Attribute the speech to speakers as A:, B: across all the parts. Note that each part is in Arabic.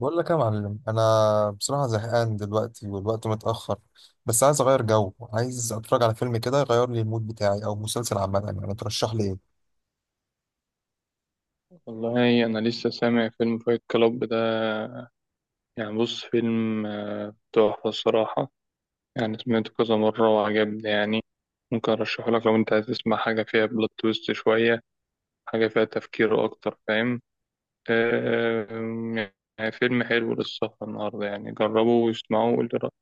A: بقول لك يا معلم، انا بصراحه زهقان دلوقتي والوقت متاخر. بس عايز اغير جو، عايز اتفرج على فيلم كده يغير لي المود بتاعي، او مسلسل عامه. يعني ترشح لي ايه؟
B: والله أنا لسه سامع فيلم فايت كلاب ده. يعني بص فيلم تحفة الصراحة. يعني سمعته كذا مرة وعجبني يعني. ممكن أرشحه لك لو أنت عايز تسمع حاجة فيها بلوت تويست شوية، حاجة فيها تفكير أكتر، فاهم؟ آه، آه، يعني فيلم حلو للسهرة النهاردة، يعني جربه واسمعه وقول لي رأيك.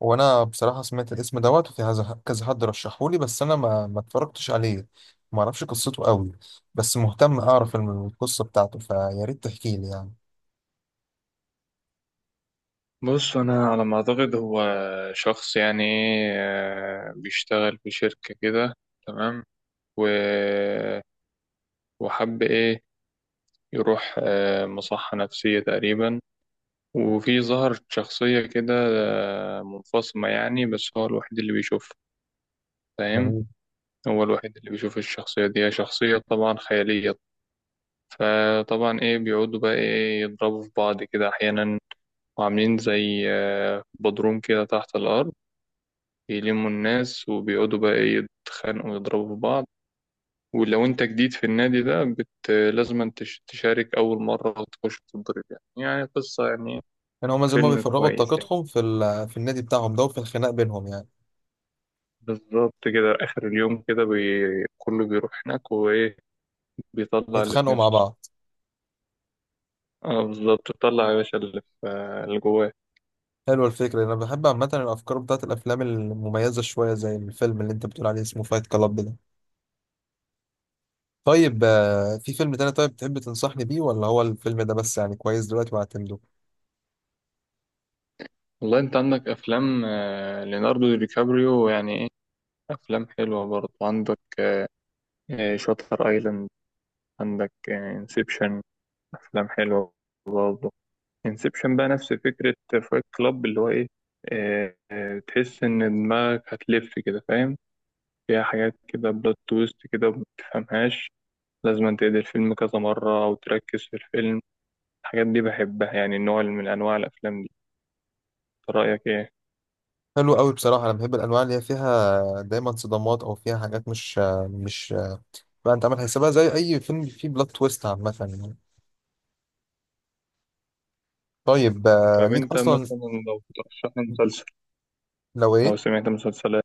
A: وانا بصراحه سمعت الاسم دوت، وفي كذا حد رشحه لي، بس انا ما اتفرجتش عليه. ما اعرفش قصته قوي، بس مهتم اعرف القصه بتاعته، فيا ريت تحكي لي يعني.
B: بص أنا على ما أعتقد هو شخص يعني، بيشتغل في شركة كده، تمام. و... وحب إيه يروح مصحة نفسية تقريبا، وفي ظهر شخصية كده منفصمة يعني، بس هو الوحيد اللي بيشوفها، فاهم.
A: جميل.
B: هو الوحيد اللي بيشوف الشخصية دي، هي شخصية طبعا خيالية. فطبعا ايه بيقعدوا بقى ايه يضربوا في بعض كده أحيانا، وعاملين زي بدروم كده تحت الأرض، يلموا الناس وبيقعدوا بقى إيه يتخانقوا ويضربوا في بعض. ولو انت جديد في النادي ده لازم تشارك أول مرة وتخش تتضرب يعني، يعني قصة يعني.
A: يعني هما زي ما
B: فيلم
A: بيفرغوا
B: كويس يعني.
A: طاقتهم في في النادي بتاعهم ده وفي الخناق بينهم يعني.
B: بالظبط كده آخر اليوم كده كله بيروح هناك وإيه، بيطلع اللي في
A: يتخانقوا مع
B: نفسه.
A: بعض.
B: اه بالظبط، بيطلع يا باشا اللي في اللي جواه.
A: حلوة الفكرة. أنا بحب عامة الأفكار بتاعت الأفلام المميزة شوية، زي الفيلم اللي أنت بتقول عليه اسمه فايت كلاب ده. طيب، في فيلم تاني طيب تحب تنصحني بيه؟ ولا هو الفيلم ده بس يعني كويس دلوقتي وهعتمده؟
B: والله أنت عندك أفلام ليوناردو دي كابريو يعني إيه، أفلام حلوة برضه عندك. شاتر أيلاند، عندك انسبشن، أفلام حلوة برضه. انسبشن بقى نفس فكرة فايت كلاب، اللي هو إيه، تحس إن دماغك هتلف كده، فاهم. فيها حاجات كده بلوت تويست كده متفهمهاش، لازم أن تعيد الفيلم كذا مرة أو تركز في الفيلم. الحاجات دي بحبها، يعني النوع من أنواع الأفلام دي. إنت رأيك إيه؟
A: حلو قوي بصراحة. أنا بحب الأنواع اللي هي فيها دايما صدمات، أو فيها حاجات مش بقى أنت عامل حسابها زي أي فيلم فيه بلوت تويست عامة يعني. طيب،
B: طيب
A: ليك
B: أنت
A: أصلا.
B: مثلا لو ترشح لي مسلسل،
A: لو
B: لو
A: إيه؟
B: سمعت مسلسلات،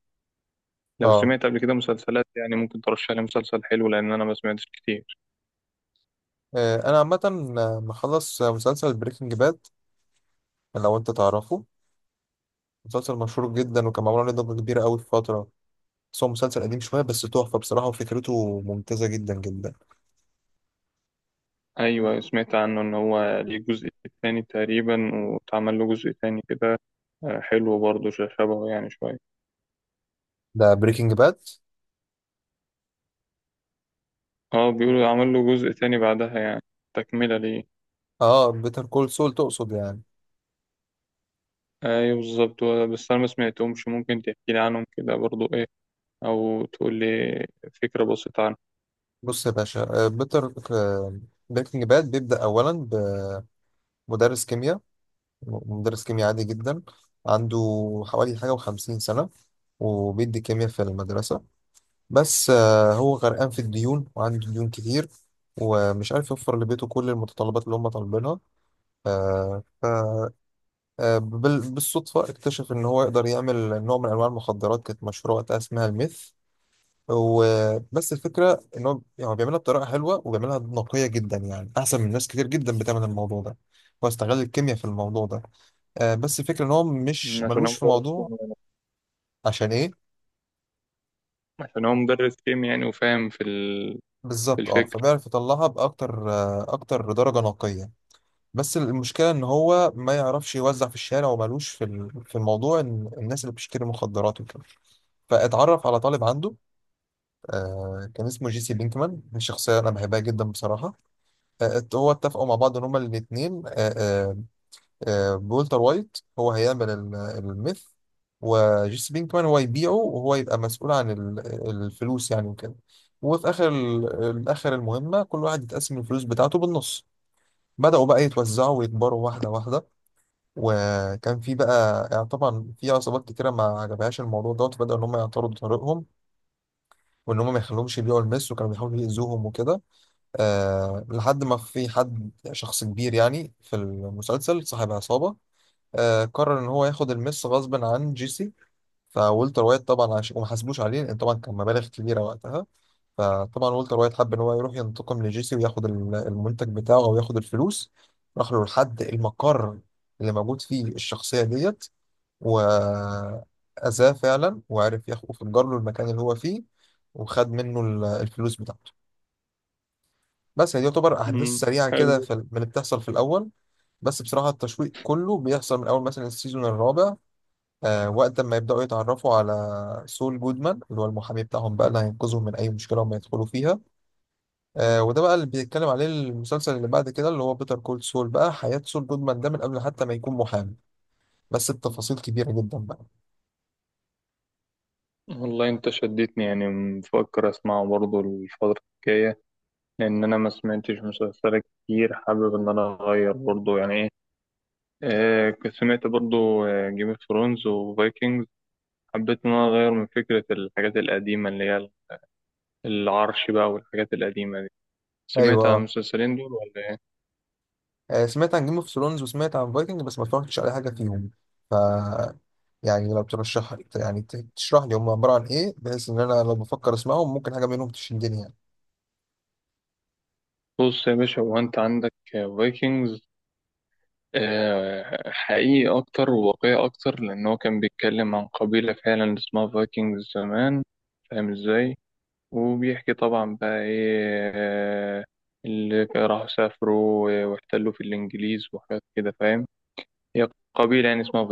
B: لو
A: أه.
B: سمعت قبل كده مسلسلات يعني ممكن ترشح لي مسلسل حلو، لأن أنا ما سمعتش كتير.
A: أنا عامة مخلص مسلسل بريكنج باد. لو أنت تعرفه. مسلسل مشهور جدا وكان معمول عليه ضجة كبيرة أوي في فترة. بس هو مسلسل قديم شوية، بس تحفة بصراحة وفكرته ممتازة جدا جدا.
B: أيوة سمعت عنه إن هو ليه جزء تاني تقريبا، واتعمل له جزء تاني كده، حلو برضه شبهه يعني شوية.
A: ده بريكنج باد.
B: اه بيقولوا عمل له جزء تاني بعدها يعني، تكملة ليه.
A: اه، بيتر كول سول تقصد يعني؟
B: ايوه بالظبط، بس انا ما سمعتهمش، ممكن تحكي لي عنهم كده برضو ايه، او تقول لي فكرة بسيطة عنهم.
A: بص يا باشا، بيتر. بريكنج باد بيبدأ أولا. بمدرس كيمياء. مدرس كيمياء عادي جدا. عنده حوالي حاجة وخمسين سنة. وبيدي كيمياء في المدرسة. بس هو غرقان في الديون وعنده ديون كتير. ومش عارف يوفر لبيته كل المتطلبات اللي هم طالبينها. آه، بالصدفة اكتشف إن هو يقدر يعمل نوع من أنواع المخدرات كانت مشهورة وقتها اسمها الميث. وبس الفكرة إن هو يعني هو بيعملها بطريقة حلوة، وبيعملها نقية جدا، يعني أحسن من ناس كتير جدا بتعمل الموضوع ده. هو استغل الكيمياء في الموضوع ده. بس الفكرة إن هو مش
B: عشان هو
A: ملوش في
B: مدرس
A: موضوع.
B: كيمياء يعني.
A: عشان إيه؟
B: عشان هو مدرس كيمياء يعني وفاهم في ال... في
A: بالظبط أه،
B: الفكر.
A: فبيعرف يطلعها بأكتر آه، أكتر درجة نقية. بس المشكلة إن هو ما يعرفش يوزع في الشارع، وملوش في في الموضوع إن الناس اللي بتشتري مخدرات وكده. فاتعرف على طالب عنده. كان اسمه جيسي بينكمان، دي شخصية أنا بحبها جدا بصراحة. هو اتفقوا مع بعض إن هما الاتنين بولتر وايت هو هيعمل الميث. وجيسي بينكمان هو يبيعه، وهو يبقى مسؤول عن الفلوس يعني وكده. وفي آخر آخر المهمة كل واحد يتقسم الفلوس بتاعته بالنص. بدأوا بقى يتوزعوا ويكبروا واحدة واحدة. وكان في بقى يعني طبعا في عصابات كتيرة ما عجبهاش الموضوع دوت، بدأوا إن هم يعترضوا طريقهم. وإن هم ما يخلوهمش يبيعوا المس، وكانوا بيحاولوا يأذوهم وكده. لحد ما في حد شخص كبير يعني في المسلسل، صاحب عصابة. قرر إن هو ياخد المس غصب عن جيسي. فولتر وايت طبعا وما حاسبوش عليه لأن طبعا كان مبالغ كبيرة وقتها. فطبعا ولتر وايت حب إن هو يروح ينتقم لجيسي وياخد المنتج بتاعه، أو ياخد الفلوس. راح له لحد المقر اللي موجود فيه الشخصية ديت. وأذاه فعلا وعرف ياخد، وفجر له المكان اللي هو فيه. وخد منه الفلوس بتاعته. بس هي دي يعتبر احداث
B: مم،
A: سريعه كده
B: حلو.
A: في من اللي بتحصل في الاول. بس بصراحه التشويق كله بيحصل من اول مثلا السيزون الرابع. وقت ما يبداوا يتعرفوا على سول جودمان، اللي هو المحامي بتاعهم بقى، اللي هينقذهم من اي مشكله هم يدخلوا فيها. وده بقى اللي بيتكلم عليه المسلسل اللي بعد كده، اللي هو بيتر كول سول، بقى حياه سول جودمان ده من قبل حتى ما يكون محامي. بس بتفاصيل كبيره جدا بقى.
B: والله انت شدتني، يعني مفكر اسمعه برضو الفترة الجاية، لان انا ما سمعتش مسلسلات كتير، حابب ان انا اغير برضو يعني ايه. آه كنت سمعت برضو جيم اوف ثرونز وفايكنجز، حبيت ان انا اغير من فكرة الحاجات القديمة، اللي هي العرش بقى والحاجات القديمة دي. سمعت عن
A: ايوه،
B: المسلسلين دول ولا ايه؟
A: سمعت عن جيم اوف ثرونز وسمعت عن فايكنج، بس ما اتفرجتش على حاجه فيهم. ف يعني لو ترشح يعني تشرح لي هم عباره عن ايه، بحيث ان انا لو بفكر اسمعهم ممكن حاجه منهم تشدني يعني.
B: بص يا باشا، هو انت عندك فايكنجز، حقيقي اكتر وواقعي اكتر، لان هو كان بيتكلم عن قبيلة فعلا اسمها فايكنجز زمان، فاهم ازاي. وبيحكي طبعا بقى ايه، اللي راحوا سافروا واحتلوا في الانجليز وحاجات كده، فاهم. هي قبيلة يعني اسمها.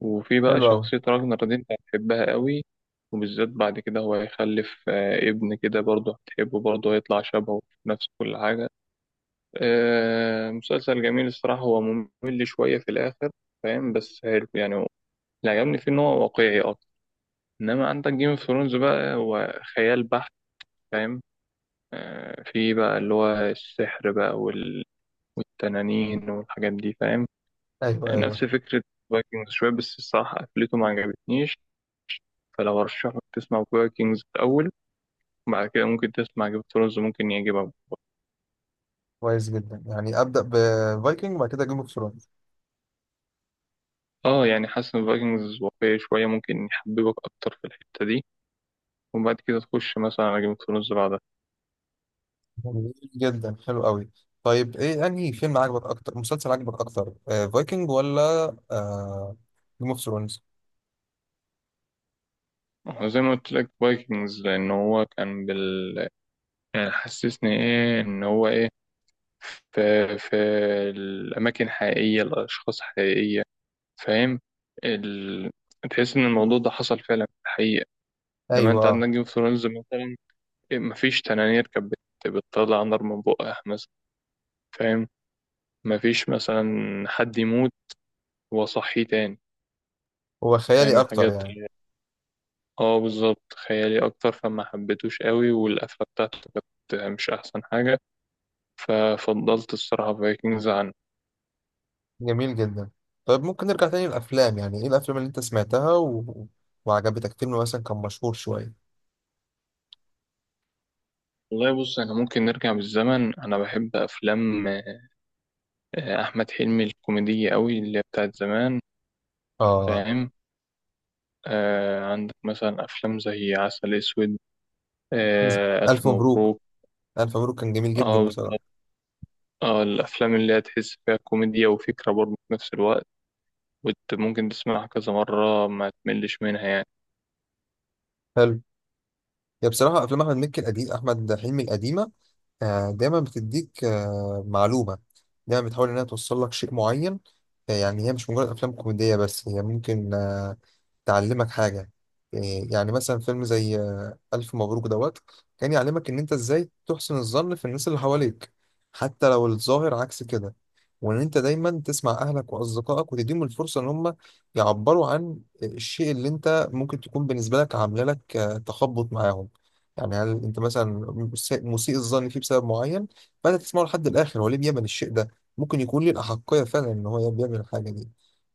B: وفي بقى
A: حلو قوي.
B: شخصية راجنر دي انت هتحبها قوي، وبالذات بعد كده هو هيخلف ابن كده برضه هتحبه برضه، هيطلع شبهه في نفس كل حاجة. مسلسل جميل الصراحة، هو ممل شوية في الآخر، فاهم، بس حلو، يعني اللي عجبني فيه إن هو واقعي أكتر. إنما عندك جيم اوف ثرونز بقى هو خيال بحت، فاهم. في بقى اللي هو السحر بقى وال... والتنانين والحاجات دي، فاهم.
A: ايوه، ايوه.
B: نفس فكرة فايكنجز شوية، بس الصراحة قفلته ما عجبتنيش. فلو هرشح لك تسمع فايكنجز الأول، وبعد كده ممكن تسمع جيم اوف ثرونز، ممكن يعجبك.
A: كويس جدا. يعني ابدا بفايكنج وبعد كده جيم اوف ثرونز.
B: اه يعني حاسس ان فايكنجز واقعي شوية، ممكن يحببك أكتر في الحتة دي، وبعد كده تخش مثلا على جيم اوف ثرونز بعدها.
A: جميل جدا، حلو قوي. طيب، ايه انهي فيلم عجبك اكتر، مسلسل عجبك اكتر؟ فايكنج ولا آه جيم اوف ثرونز؟
B: هو زي ما قلت لك فايكنجز لأن هو كان يعني حسسني ايه ان هو ايه، في في الأماكن حقيقية، الأشخاص حقيقية، فاهم، ال... تحس ان الموضوع ده حصل فعلا في الحقيقة. لما
A: ايوه،
B: انت عندك جيم اوف ثرونز مثلا، مفيش تنانير كانت بتطلع نار من بقها مثلا، فاهم، مفيش مثلا حد يموت وأصحيه تاني.
A: هو
B: فاهم
A: خيالي اكتر
B: الحاجات
A: يعني.
B: اه بالظبط، خيالي أكتر، فما حبيتوش قوي، والقفلة بتاعته كانت مش أحسن حاجة، ففضلت الصراحة فايكنجز عنه.
A: جميل جدا. طيب، ممكن نرجع تاني للأفلام؟ يعني إيه الأفلام اللي أنت سمعتها وعجبتك؟ فيلم مثلا كان مشهور شوية.
B: والله بص أنا ممكن نرجع بالزمن، أنا بحب أفلام أحمد حلمي الكوميدية قوي، اللي هي بتاعت زمان،
A: آه
B: فاهم. آه عندك مثلا أفلام زي عسل أسود، ألف
A: ألف مبروك.
B: مبروك.
A: ألف مبروك كان جميل جدا
B: اه
A: بصراحة.
B: اه الأفلام اللي هي تحس فيها كوميديا وفكرة برضه في نفس الوقت، وانت ممكن تسمعها كذا مرة ما تملش منها يعني.
A: حلو. هي بصراحة أفلام أحمد مكي القديم، أحمد حلمي القديمة. دايما بتديك معلومة. دايما بتحاول إنها توصل لك شيء معين. يعني هي مش مجرد أفلام كوميدية، بس هي ممكن تعلمك حاجة. إيه، يعني مثلا فيلم زي ألف مبروك دوت، كان يعلمك إن أنت إزاي تحسن الظن في الناس اللي حواليك، حتى لو الظاهر عكس كده. وإن أنت دايما تسمع أهلك وأصدقائك وتديهم الفرصة إن هم يعبروا عن الشيء اللي أنت ممكن تكون بالنسبة لك عاملة لك تخبط معاهم. يعني هل أنت مثلا مسيء الظن فيه بسبب معين؟ فأنت تسمعه لحد الآخر هو ليه بيعمل الشيء ده. ممكن يكون ليه الأحقية فعلا إن هو بيعمل الحاجة دي.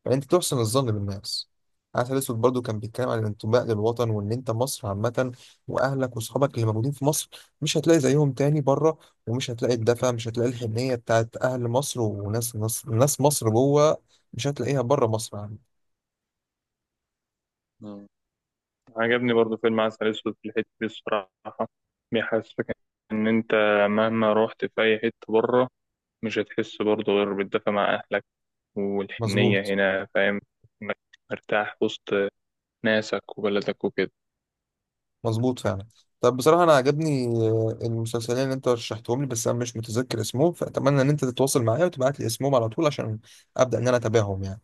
A: فأنت تحسن الظن بالناس. عسل اسود برضو كان بيتكلم عن الانتماء للوطن، وان انت مصر عامه، واهلك واصحابك اللي موجودين في مصر، مش هتلاقي زيهم تاني بره. ومش هتلاقي الدفى، مش هتلاقي الحنيه بتاعت اهل مصر، وناس ناس مصر جوه. مش هتلاقيها بره مصر يعني.
B: مم. عجبني برضه فيلم عسل أسود في الحتة دي الصراحة، بيحسسك إن أنت مهما رحت في أي حتة بره مش هتحس برضه غير بالدفى مع أهلك والحنية
A: مظبوط.
B: هنا، فاهم، إنك مرتاح وسط ناسك وبلدك وكده.
A: مظبوط فعلا. طب بصراحه انا عجبني المسلسلين اللي انت رشحتهم لي، بس انا مش متذكر اسمهم، فاتمنى ان انت تتواصل معايا وتبعت لي اسمهم على طول عشان ابدا ان انا اتابعهم يعني.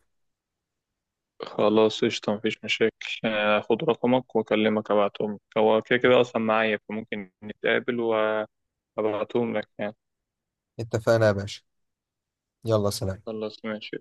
B: خلاص قشطة، مفيش مشاكل. خد رقمك وأكلمك أبعتهم، هو كده كده أصلا معايا فممكن نتقابل، هبعتهم لك يعني.
A: اتفقنا يا باشا. يلا سلام.
B: خلاص ماشي.